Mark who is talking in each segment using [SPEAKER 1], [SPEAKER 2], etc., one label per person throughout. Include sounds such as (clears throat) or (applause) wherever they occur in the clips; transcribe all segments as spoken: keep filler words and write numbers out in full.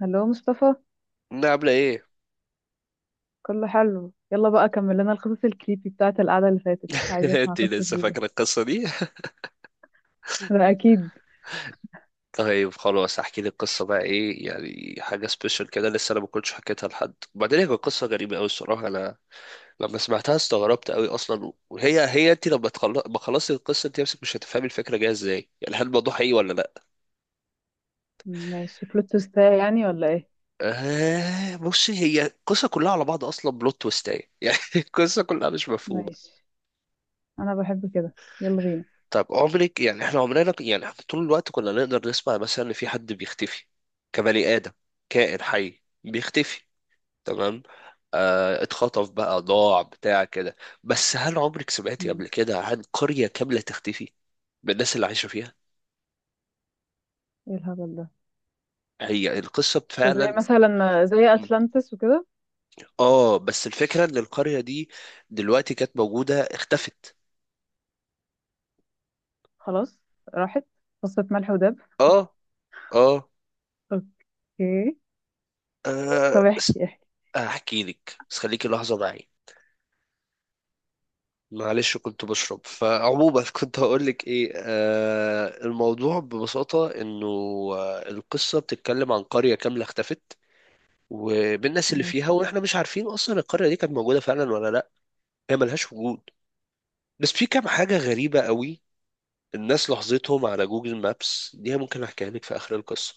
[SPEAKER 1] هلو مصطفى،
[SPEAKER 2] انها عامله ايه؟
[SPEAKER 1] كله حلو. يلا بقى كمل لنا القصص الكريبي بتاعت القعدة اللي فاتت، عايزة
[SPEAKER 2] (laughs)
[SPEAKER 1] اسمع
[SPEAKER 2] انت
[SPEAKER 1] قصة
[SPEAKER 2] لسه
[SPEAKER 1] جديدة.
[SPEAKER 2] فاكره القصه دي؟
[SPEAKER 1] ده اكيد.
[SPEAKER 2] طيب خلاص احكي لي القصه بقى. ايه يعني حاجه سبيشال كده؟ لسه انا ما كنتش حكيتها لحد، وبعدين هي كانت قصه غريبه قوي الصراحه. انا لما سمعتها استغربت قوي اصلا. وهي هي انت لما تخلص، ما خلصت القصه انت نفسك مش هتفهمي الفكره جايه ازاي، يعني هل الموضوع حقيقي ولا لا.
[SPEAKER 1] ماشي، بلوت تويست يعني ولا ايه؟
[SPEAKER 2] آه بصي، هي القصه كلها على بعض اصلا بلوت تويستايه (laughs) يعني القصه كلها مش مفهومه.
[SPEAKER 1] ماشي، انا بحب كده. يلا بينا.
[SPEAKER 2] طب عمرك، يعني احنا عمرنا يعني احنا طول الوقت كنا نقدر نسمع مثلا ان في حد بيختفي، كبني آدم، كائن حي بيختفي، تمام؟ آه، اتخطف بقى، ضاع، بتاع كده. بس هل عمرك سمعتي
[SPEAKER 1] مم.
[SPEAKER 2] قبل كده عن قرية كاملة تختفي بالناس اللي عايشة فيها؟
[SPEAKER 1] ايه الهبل ده؟
[SPEAKER 2] هي القصة
[SPEAKER 1] ده زي
[SPEAKER 2] فعلا.
[SPEAKER 1] مثلا، زي اتلانتس وكده.
[SPEAKER 2] اه، بس الفكرة ان القرية دي دلوقتي كانت موجودة، اختفت.
[SPEAKER 1] خلاص، راحت. قصة ملح ودب.
[SPEAKER 2] اه. اه,
[SPEAKER 1] اوكي، طب
[SPEAKER 2] آه.
[SPEAKER 1] احكي احكي.
[SPEAKER 2] احكي لك، بس خليكي لحظة معي. معلش كنت بشرب. فعموما (laughs) كنت هقول لك ايه؟ آه، الموضوع ببساطة انه آه، القصة بتتكلم عن قرية كاملة اختفت وبالناس اللي فيها،
[SPEAKER 1] ماشي.
[SPEAKER 2] واحنا مش عارفين اصلا القرية دي كانت موجودة فعلا ولا لا. هي ملهاش وجود. بس في كام حاجة غريبة قوي. الناس لاحظتهم على جوجل مابس، دي ممكن احكيها لك في اخر القصة.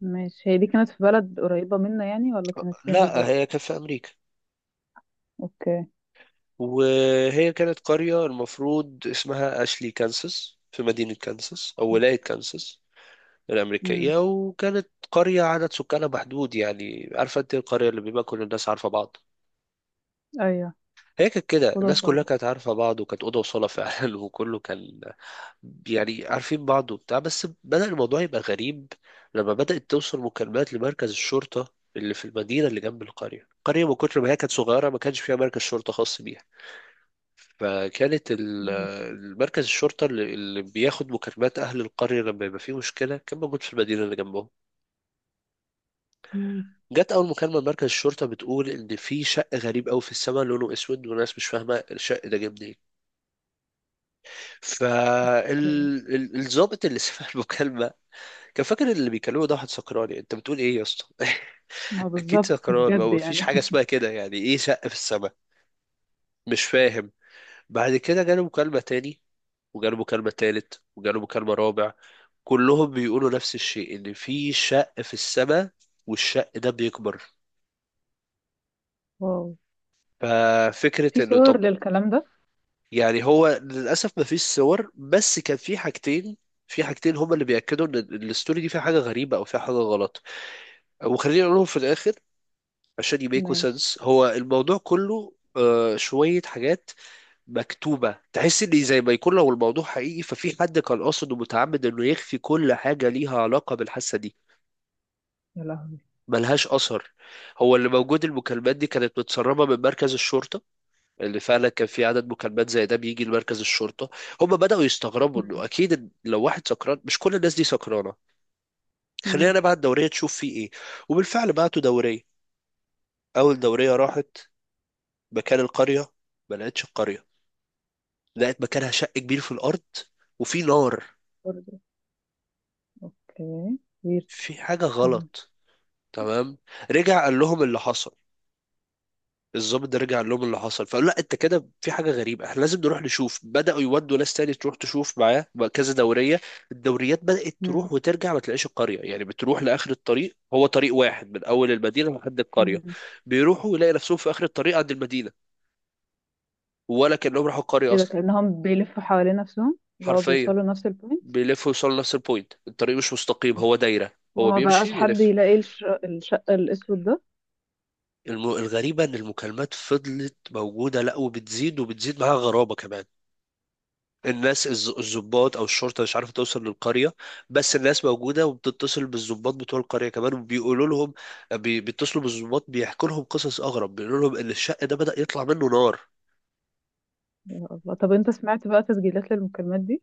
[SPEAKER 1] ماشي، هي دي كانت في بلد قريبة منا يعني ولا كانت فين
[SPEAKER 2] لا،
[SPEAKER 1] بالظبط؟
[SPEAKER 2] هي كانت في امريكا.
[SPEAKER 1] اوكي.
[SPEAKER 2] وهي كانت قرية المفروض اسمها اشلي كانساس، في مدينة كانساس او ولاية كانساس
[SPEAKER 1] امم،
[SPEAKER 2] الأمريكية. وكانت قرية عدد سكانها محدود، يعني عارفة أنت القرية اللي بيبقى كل الناس عارفة بعض؟
[SPEAKER 1] ايوه.
[SPEAKER 2] هي كانت كده،
[SPEAKER 1] اوضه
[SPEAKER 2] الناس كلها
[SPEAKER 1] وصاله؟
[SPEAKER 2] كانت عارفة بعض، وكانت أوضة وصالة فعلا (laughs) وكله كان يعني عارفين بعض وبتاع. بس بدأ الموضوع يبقى غريب لما بدأت توصل مكالمات لمركز الشرطة اللي في المدينة اللي جنب القرية. القرية من كتر ما هي كانت صغيرة ما كانش فيها مركز شرطة خاص بيها، فكانت ال-
[SPEAKER 1] ماشي.
[SPEAKER 2] المركز الشرطة اللي اللي بياخد مكالمات أهل القرية لما يبقى فيه مشكلة كان موجود في المدينة اللي جنبهم.
[SPEAKER 1] امم.
[SPEAKER 2] جت اول مكالمه لمركز الشرطه بتقول ان في شق غريب قوي في السماء، لونه اسود، وناس مش فاهمه الشق ده جه منين. فالظابط اللي (laughs) سمع المكالمه كان فاكر اللي بيكلمه ده واحد سكران. انت بتقول ايه يا اسطى؟
[SPEAKER 1] ما
[SPEAKER 2] (laughs) اكيد
[SPEAKER 1] بالظبط
[SPEAKER 2] سكران، ما
[SPEAKER 1] بجد
[SPEAKER 2] هو مفيش حاجه
[SPEAKER 1] يعني
[SPEAKER 2] اسمها
[SPEAKER 1] (laughs)
[SPEAKER 2] كده، يعني ايه شق في السماء؟ مش فاهم. بعد كده جاله مكالمه تاني، وجاله مكالمة تالت، وجاله مكالمة رابع، كلهم بيقولوا نفس الشيء، ان في شق في السماء، والشق ده بيكبر.
[SPEAKER 1] واو، في
[SPEAKER 2] ففكرة انه
[SPEAKER 1] صور
[SPEAKER 2] طب،
[SPEAKER 1] للكلام ده؟
[SPEAKER 2] يعني هو للأسف مفيش صور. بس كان في حاجتين، في حاجتين هما اللي بيأكدوا إن الستوري دي فيها حاجة غريبة أو فيها حاجة غلط، وخليني أقولهم في الآخر عشان يميكوا
[SPEAKER 1] ماشي.
[SPEAKER 2] سنس. هو الموضوع كله آه، شوية حاجات مكتوبة، تحس إن زي ما يكون لو الموضوع حقيقي ففي حد كان قاصد ومتعمد إنه يخفي كل حاجة ليها علاقة بالحادثة دي.
[SPEAKER 1] يا لهوي.
[SPEAKER 2] ملهاش أثر. هو اللي موجود المكالمات دي كانت متسربة من مركز الشرطة، اللي فعلا كان في عدد مكالمات زي ده بيجي لمركز الشرطة. هم بدأوا يستغربوا انه
[SPEAKER 1] مم.
[SPEAKER 2] اكيد، إن لو واحد سكران مش كل الناس دي سكرانة، خلينا
[SPEAKER 1] مم.
[SPEAKER 2] نبعت دورية تشوف فيه ايه. وبالفعل بعتوا دورية. اول دورية راحت مكان القرية، ما لقتش القرية، لقت مكانها شق كبير في الارض وفي نار.
[SPEAKER 1] برضه، اوكي. ويرد؟
[SPEAKER 2] في حاجة
[SPEAKER 1] كمل.
[SPEAKER 2] غلط. تمام، رجع قال لهم اللي حصل، الضابط ده رجع قال لهم اللي حصل، فقالوا لا انت كده في حاجه غريبه، احنا لازم نروح نشوف. بداوا يودوا ناس تاني تروح تشوف معاه بقى كذا دوريه. الدوريات بدات
[SPEAKER 1] مم.
[SPEAKER 2] تروح وترجع ما تلاقيش القريه، يعني بتروح لاخر الطريق، هو طريق واحد من اول المدينه لحد القريه.
[SPEAKER 1] مم.
[SPEAKER 2] بيروحوا يلاقي نفسهم في اخر الطريق عند المدينه، ولا كانهم راحوا القريه
[SPEAKER 1] ايه ده،
[SPEAKER 2] اصلا.
[SPEAKER 1] كأنهم بيلفوا حوالين نفسهم اللي هو
[SPEAKER 2] حرفيا
[SPEAKER 1] بيوصلوا لنفس البوينت.
[SPEAKER 2] بيلفوا يوصلوا نفس البوينت، الطريق مش مستقيم، هو دايره. هو
[SPEAKER 1] وما
[SPEAKER 2] بيمشي
[SPEAKER 1] بقاش حد
[SPEAKER 2] بيلف.
[SPEAKER 1] يلاقي الش... الشق الأسود ده؟
[SPEAKER 2] الم... الغريبه ان المكالمات فضلت موجوده، لا وبتزيد، وبتزيد معاها غرابه كمان. الناس الز- الضباط او الشرطه مش عارفه توصل للقريه، بس الناس موجوده وبتتصل بالضباط بتوع القريه كمان وبيقولوا لهم، بي- بيتصلوا بالضباط بيحكوا لهم قصص اغرب، بيقولوا لهم ان الشق ده بدأ يطلع منه نار.
[SPEAKER 1] يا الله. طب انت سمعت بقى تسجيلات للمكالمات دي؟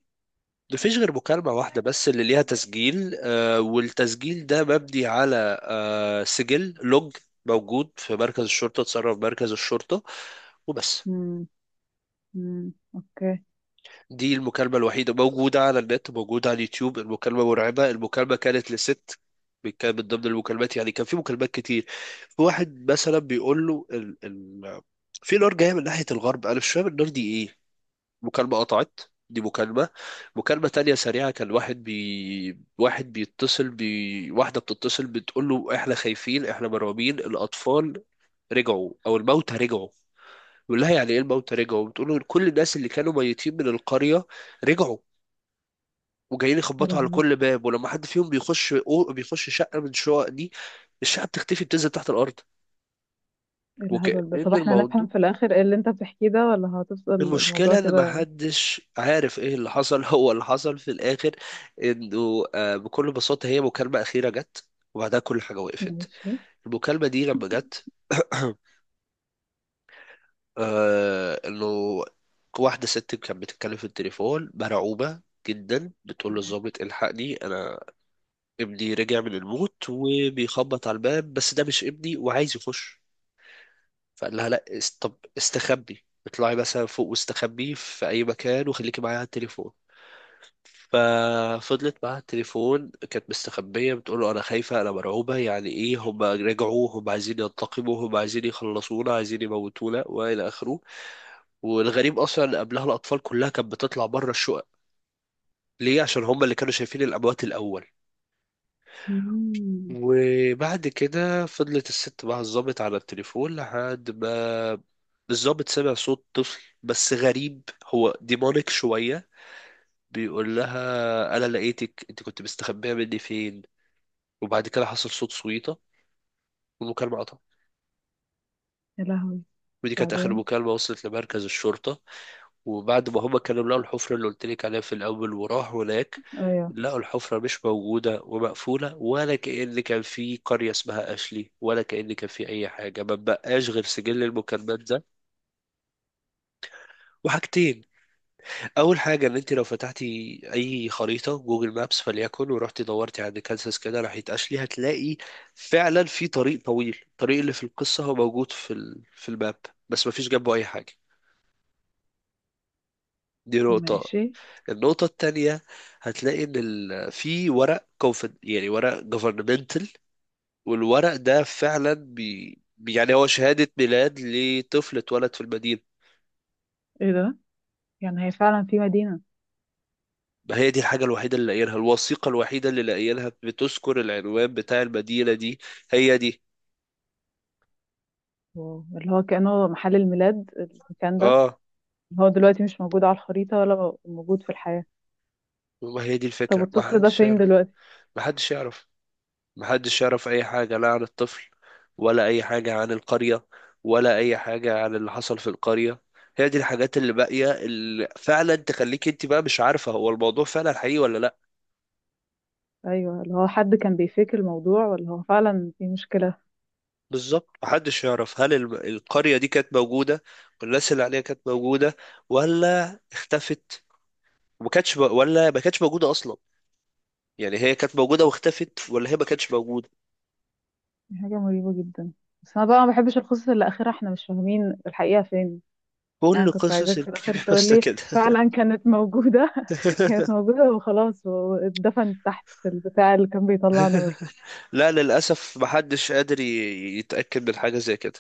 [SPEAKER 2] مفيش غير مكالمة واحدة بس اللي ليها تسجيل آه، والتسجيل ده مبني على آه، سجل لوج موجود في مركز الشرطة، اتصرف مركز الشرطة وبس.
[SPEAKER 1] مم. مم. اوكي.
[SPEAKER 2] دي المكالمة الوحيدة موجودة على النت، موجودة على اليوتيوب. المكالمة مرعبة. المكالمة كانت لست، كان من ضمن المكالمات، يعني كان في مكالمات كتير. في واحد مثلا بيقول له ال... ال... في نار جاية من ناحية الغرب، أنا مش فاهم النار دي إيه. مكالمة قطعت. دي مكالمة. مكالمة تانية سريعة، كان واحد بي... واحد بيتصل بي... واحدة بتتصل بتقول له إحنا خايفين، إحنا مرعوبين، الأطفال رجعوا أو الموتى رجعوا. يقول لها يعني ايه الموتى رجعوا؟ بتقول له كل الناس اللي كانوا ميتين من القرية رجعوا، وجايين
[SPEAKER 1] يا
[SPEAKER 2] يخبطوا على
[SPEAKER 1] لهوي.
[SPEAKER 2] كل باب، ولما حد فيهم بيخش أو بيخش شقة من الشقق دي، الشقة بتختفي، بتنزل تحت الأرض.
[SPEAKER 1] ايه
[SPEAKER 2] وكأن
[SPEAKER 1] الهبل ده؟ طب احنا
[SPEAKER 2] الموضوع،
[SPEAKER 1] هنفهم في الآخر ايه اللي انت بتحكيه ده، ولا هتفضل الموضوع
[SPEAKER 2] المشكلة إن
[SPEAKER 1] كده؟
[SPEAKER 2] محدش عارف إيه اللي حصل (laughs) هو اللي حصل في الآخر إنه آه، بكل بساطة هي مكالمة أخيرة جت، وبعدها كل حاجة وقفت.
[SPEAKER 1] ماشي.
[SPEAKER 2] المكالمة دي لما جت (clears throat) آه انه واحده ست كانت بتتكلم في التليفون مرعوبه جدا، بتقول للظابط الحقني انا، ابني رجع من الموت وبيخبط على الباب، بس ده مش ابني وعايز يخش. فقال لها لا، است... طب استخبي، اطلعي مثلا فوق واستخبي في اي مكان وخليكي معايا على التليفون. ففضلت معاها التليفون كانت مستخبية، بتقول له أنا خايفة، أنا مرعوبة، يعني إيه هم رجعوا، هم عايزين ينتقموا، هم عايزين يخلصونا، عايزين يموتونا، وإلى آخره. والغريب اصلا ان قبلها الاطفال كلها كانت بتطلع بره الشقق، ليه؟ عشان هم اللي كانوا شايفين الاموات الاول.
[SPEAKER 1] مم.
[SPEAKER 2] وبعد كده فضلت الست مع الضابط على التليفون لحد ما الضابط سمع صوت طفل بس غريب، هو ديمونيك شوية، بيقول لها أنا لقيتك، أنت كنت مستخبية مني فين؟ وبعد كده حصل صوت صويطة، والمكالمة قطعت.
[SPEAKER 1] يا لهوي.
[SPEAKER 2] ودي كانت آخر
[SPEAKER 1] بعدين؟
[SPEAKER 2] مكالمة وصلت لمركز الشرطة. وبعد ما هما كانوا لقوا الحفرة اللي قلت لك عليها في الأول وراحوا هناك،
[SPEAKER 1] ايوه.
[SPEAKER 2] لقوا الحفرة مش موجودة ومقفولة، ولا كأن كان في قرية اسمها أشلي، ولا كأن كان في أي حاجة. ما بقاش غير سجل المكالمات ده، وحاجتين. أول حاجة، إن أنت لو فتحتي أي خريطة جوجل مابس فليكن، ورحتي دورتي عند كانساس كده ناحية أشلي، هتلاقي فعلا في طريق طويل، الطريق اللي في القصة هو موجود في ال... في الماب، بس مفيش جنبه أي حاجة. دي نقطة.
[SPEAKER 1] ماشي.
[SPEAKER 2] النقطة التانية، هتلاقي إن ال... في ورق كونفد، يعني ورق governmental، والورق ده فعلا بي... يعني هو شهادة ميلاد لطفل اتولد في المدينة.
[SPEAKER 1] ايه ده، يعني هي فعلا في مدينة؟
[SPEAKER 2] ما هي دي الحاجة الوحيدة اللي لاقيينها، الوثيقة الوحيدة اللي لاقيينها بتذكر العنوان بتاع المدينة دي. هي دي.
[SPEAKER 1] واو. اللي هو كأنه محل الميلاد المكان ده؟
[SPEAKER 2] اه.
[SPEAKER 1] اللي هو دلوقتي مش موجود على الخريطة ولا موجود في الحياة.
[SPEAKER 2] ما هي دي
[SPEAKER 1] طب
[SPEAKER 2] الفكرة، ما
[SPEAKER 1] الطفل ده
[SPEAKER 2] حدش
[SPEAKER 1] فين
[SPEAKER 2] يعرف.
[SPEAKER 1] دلوقتي؟
[SPEAKER 2] ما حدش يعرف، محدش يعرف أي حاجة لا عن الطفل، ولا أي حاجة عن القرية، ولا أي حاجة عن اللي حصل في القرية. هي دي الحاجات اللي باقية اللي فعلا تخليك انت بقى مش عارفة هو الموضوع فعلا حقيقي ولا لا.
[SPEAKER 1] ايوه، اللي هو حد كان بيفيك الموضوع ولا هو فعلا في مشكلة.
[SPEAKER 2] بالظبط، محدش يعرف هل الم- القرية دي كانت موجودة والناس اللي عليها كانت موجودة ولا اختفت، وما كانتش م- ولا ما كانتش موجودة أصلا. يعني هي كانت موجودة واختفت، ولا هي ما كانتش موجودة.
[SPEAKER 1] دي حاجة مريبة جدا. بس انا بقى ما بحبش القصص اللي اخرها احنا مش فاهمين الحقيقة فين. يعني
[SPEAKER 2] كل
[SPEAKER 1] كنت
[SPEAKER 2] قصص
[SPEAKER 1] عايزاك في الاخر
[SPEAKER 2] الكريبي
[SPEAKER 1] تقول
[SPEAKER 2] باستا
[SPEAKER 1] لي
[SPEAKER 2] كده
[SPEAKER 1] فعلا كانت موجودة (laughs) كانت
[SPEAKER 2] (laughs)
[SPEAKER 1] موجودة وخلاص، واتدفنت تحت في البتاع اللي كان بيطلع نار.
[SPEAKER 2] لا للأسف محدش قادر ي- يتأكد من حاجة زي كده،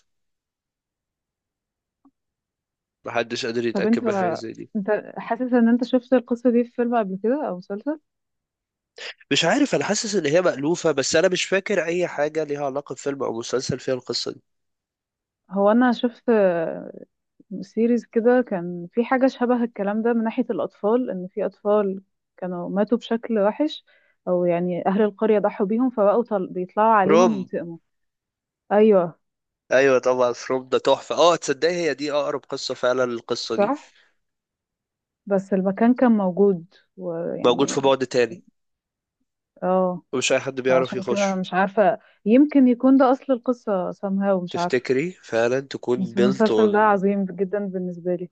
[SPEAKER 2] محدش قادر
[SPEAKER 1] طب
[SPEAKER 2] يتأكد
[SPEAKER 1] انت،
[SPEAKER 2] من حاجة زي دي.
[SPEAKER 1] انت حاسس ان انت شفت القصة دي في فيلم قبل كده او مسلسل؟
[SPEAKER 2] مش عارف، أنا حاسس إن هي مألوفة بس أنا مش فاكر أي حاجة ليها علاقة بفيلم أو مسلسل فيها القصة دي.
[SPEAKER 1] هو انا شفت آه، سيريز كده كان في حاجة شبه الكلام ده من ناحية الاطفال، ان في اطفال كانوا ماتوا بشكل وحش، او يعني اهل القرية ضحوا بيهم فبقوا طل... بيطلعوا عليهم
[SPEAKER 2] فروم.
[SPEAKER 1] ينتقموا. ايوه.
[SPEAKER 2] أيوة طبعا، فروم ده تحفة. أه، تصدقي هي دي أقرب قصة فعلا للقصة دي.
[SPEAKER 1] صح، بس المكان كان موجود
[SPEAKER 2] موجود في
[SPEAKER 1] ويعني.
[SPEAKER 2] بعد تاني،
[SPEAKER 1] اه.
[SPEAKER 2] ومش أي حد بيعرف
[SPEAKER 1] فعشان كده
[SPEAKER 2] يخش.
[SPEAKER 1] مش عارفة، يمكن يكون ده اصل القصة somehow، مش عارفة.
[SPEAKER 2] تفتكري فعلا تكون
[SPEAKER 1] بس
[SPEAKER 2] built
[SPEAKER 1] المسلسل ده
[SPEAKER 2] on؟
[SPEAKER 1] عظيم جدا بالنسبة لي،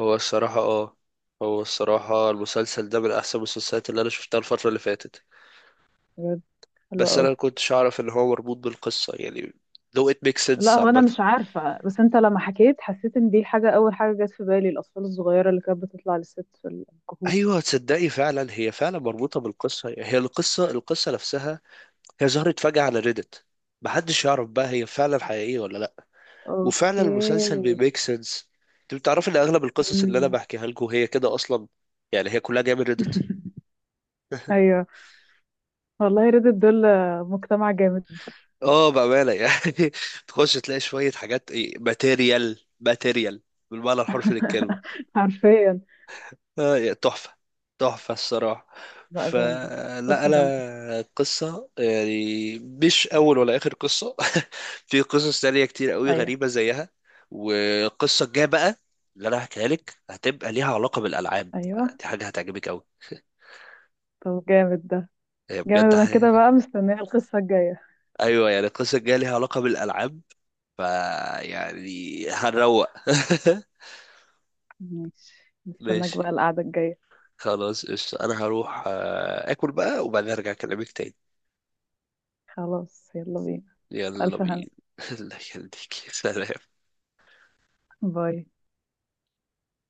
[SPEAKER 2] هو الصراحة أه، هو الصراحة المسلسل ده من أحسن المسلسلات اللي أنا شفتها الفترة اللي فاتت.
[SPEAKER 1] بجد. حلو
[SPEAKER 2] بس انا
[SPEAKER 1] قوي.
[SPEAKER 2] ما كنتش اعرف ان هو مربوط بالقصه يعني، لو it makes
[SPEAKER 1] لا،
[SPEAKER 2] sense
[SPEAKER 1] هو انا
[SPEAKER 2] عامه.
[SPEAKER 1] مش عارفه، بس انت لما حكيت حسيت ان دي حاجه. اول حاجه جت في بالي الاطفال الصغيره اللي كانت بتطلع للست في الكهوف.
[SPEAKER 2] ايوه، تصدقي فعلا هي فعلا مربوطه بالقصه، يعني هي القصه، القصه نفسها. هي ظهرت فجاه على ريدت، محدش يعرف بقى هي فعلا حقيقيه ولا لا. وفعلا
[SPEAKER 1] اوكي.
[SPEAKER 2] المسلسل بيميك سنس. انت بتعرف ان اغلب القصص اللي انا
[SPEAKER 1] مم.
[SPEAKER 2] بحكيها لكم هي كده اصلا، يعني هي كلها جايه من ريدت.
[SPEAKER 1] (laughs) ايوه. والله ريدت دول مجتمع جامد (laughs)
[SPEAKER 2] اه بامانه يعني (laughs) تخش تلاقي شويه حاجات ايه، ماتيريال ماتيريال بالمعنى الحرفي للكلمه.
[SPEAKER 1] حرفيا.
[SPEAKER 2] آه، تحفة، تحفة الصراحة.
[SPEAKER 1] بقى جامد.
[SPEAKER 2] فلا
[SPEAKER 1] قصه جامده.
[SPEAKER 2] أنا قصة، يعني مش أول ولا آخر قصة (laughs) في قصص تانية كتير قوي
[SPEAKER 1] ايوه.
[SPEAKER 2] غريبة زيها. والقصة الجاية بقى اللي أنا هحكيها لك هتبقى ليها علاقة بالألعاب.
[SPEAKER 1] ايوه.
[SPEAKER 2] دي حاجة هتعجبك قوي،
[SPEAKER 1] طب جامد ده.
[SPEAKER 2] هي
[SPEAKER 1] جامد.
[SPEAKER 2] بجد
[SPEAKER 1] انا كده
[SPEAKER 2] حاجة.
[SPEAKER 1] بقى مستنيه القصه الجايه.
[SPEAKER 2] أيوة، يعني القصة الجاية ليها علاقة بالألعاب، فيعني هنروق.
[SPEAKER 1] ماشي،
[SPEAKER 2] (laughs)
[SPEAKER 1] مستناك بقى
[SPEAKER 2] ماشي.
[SPEAKER 1] القعده الجايه.
[SPEAKER 2] خلاص قشطة، أنا هروح آه، آكل بقى وبعدين أرجع أكلمك تاني.
[SPEAKER 1] خلاص، يلا بينا.
[SPEAKER 2] يلا
[SPEAKER 1] الف هنا.
[SPEAKER 2] بينا. (laughs) الله يخليك. سلام.
[SPEAKER 1] باي.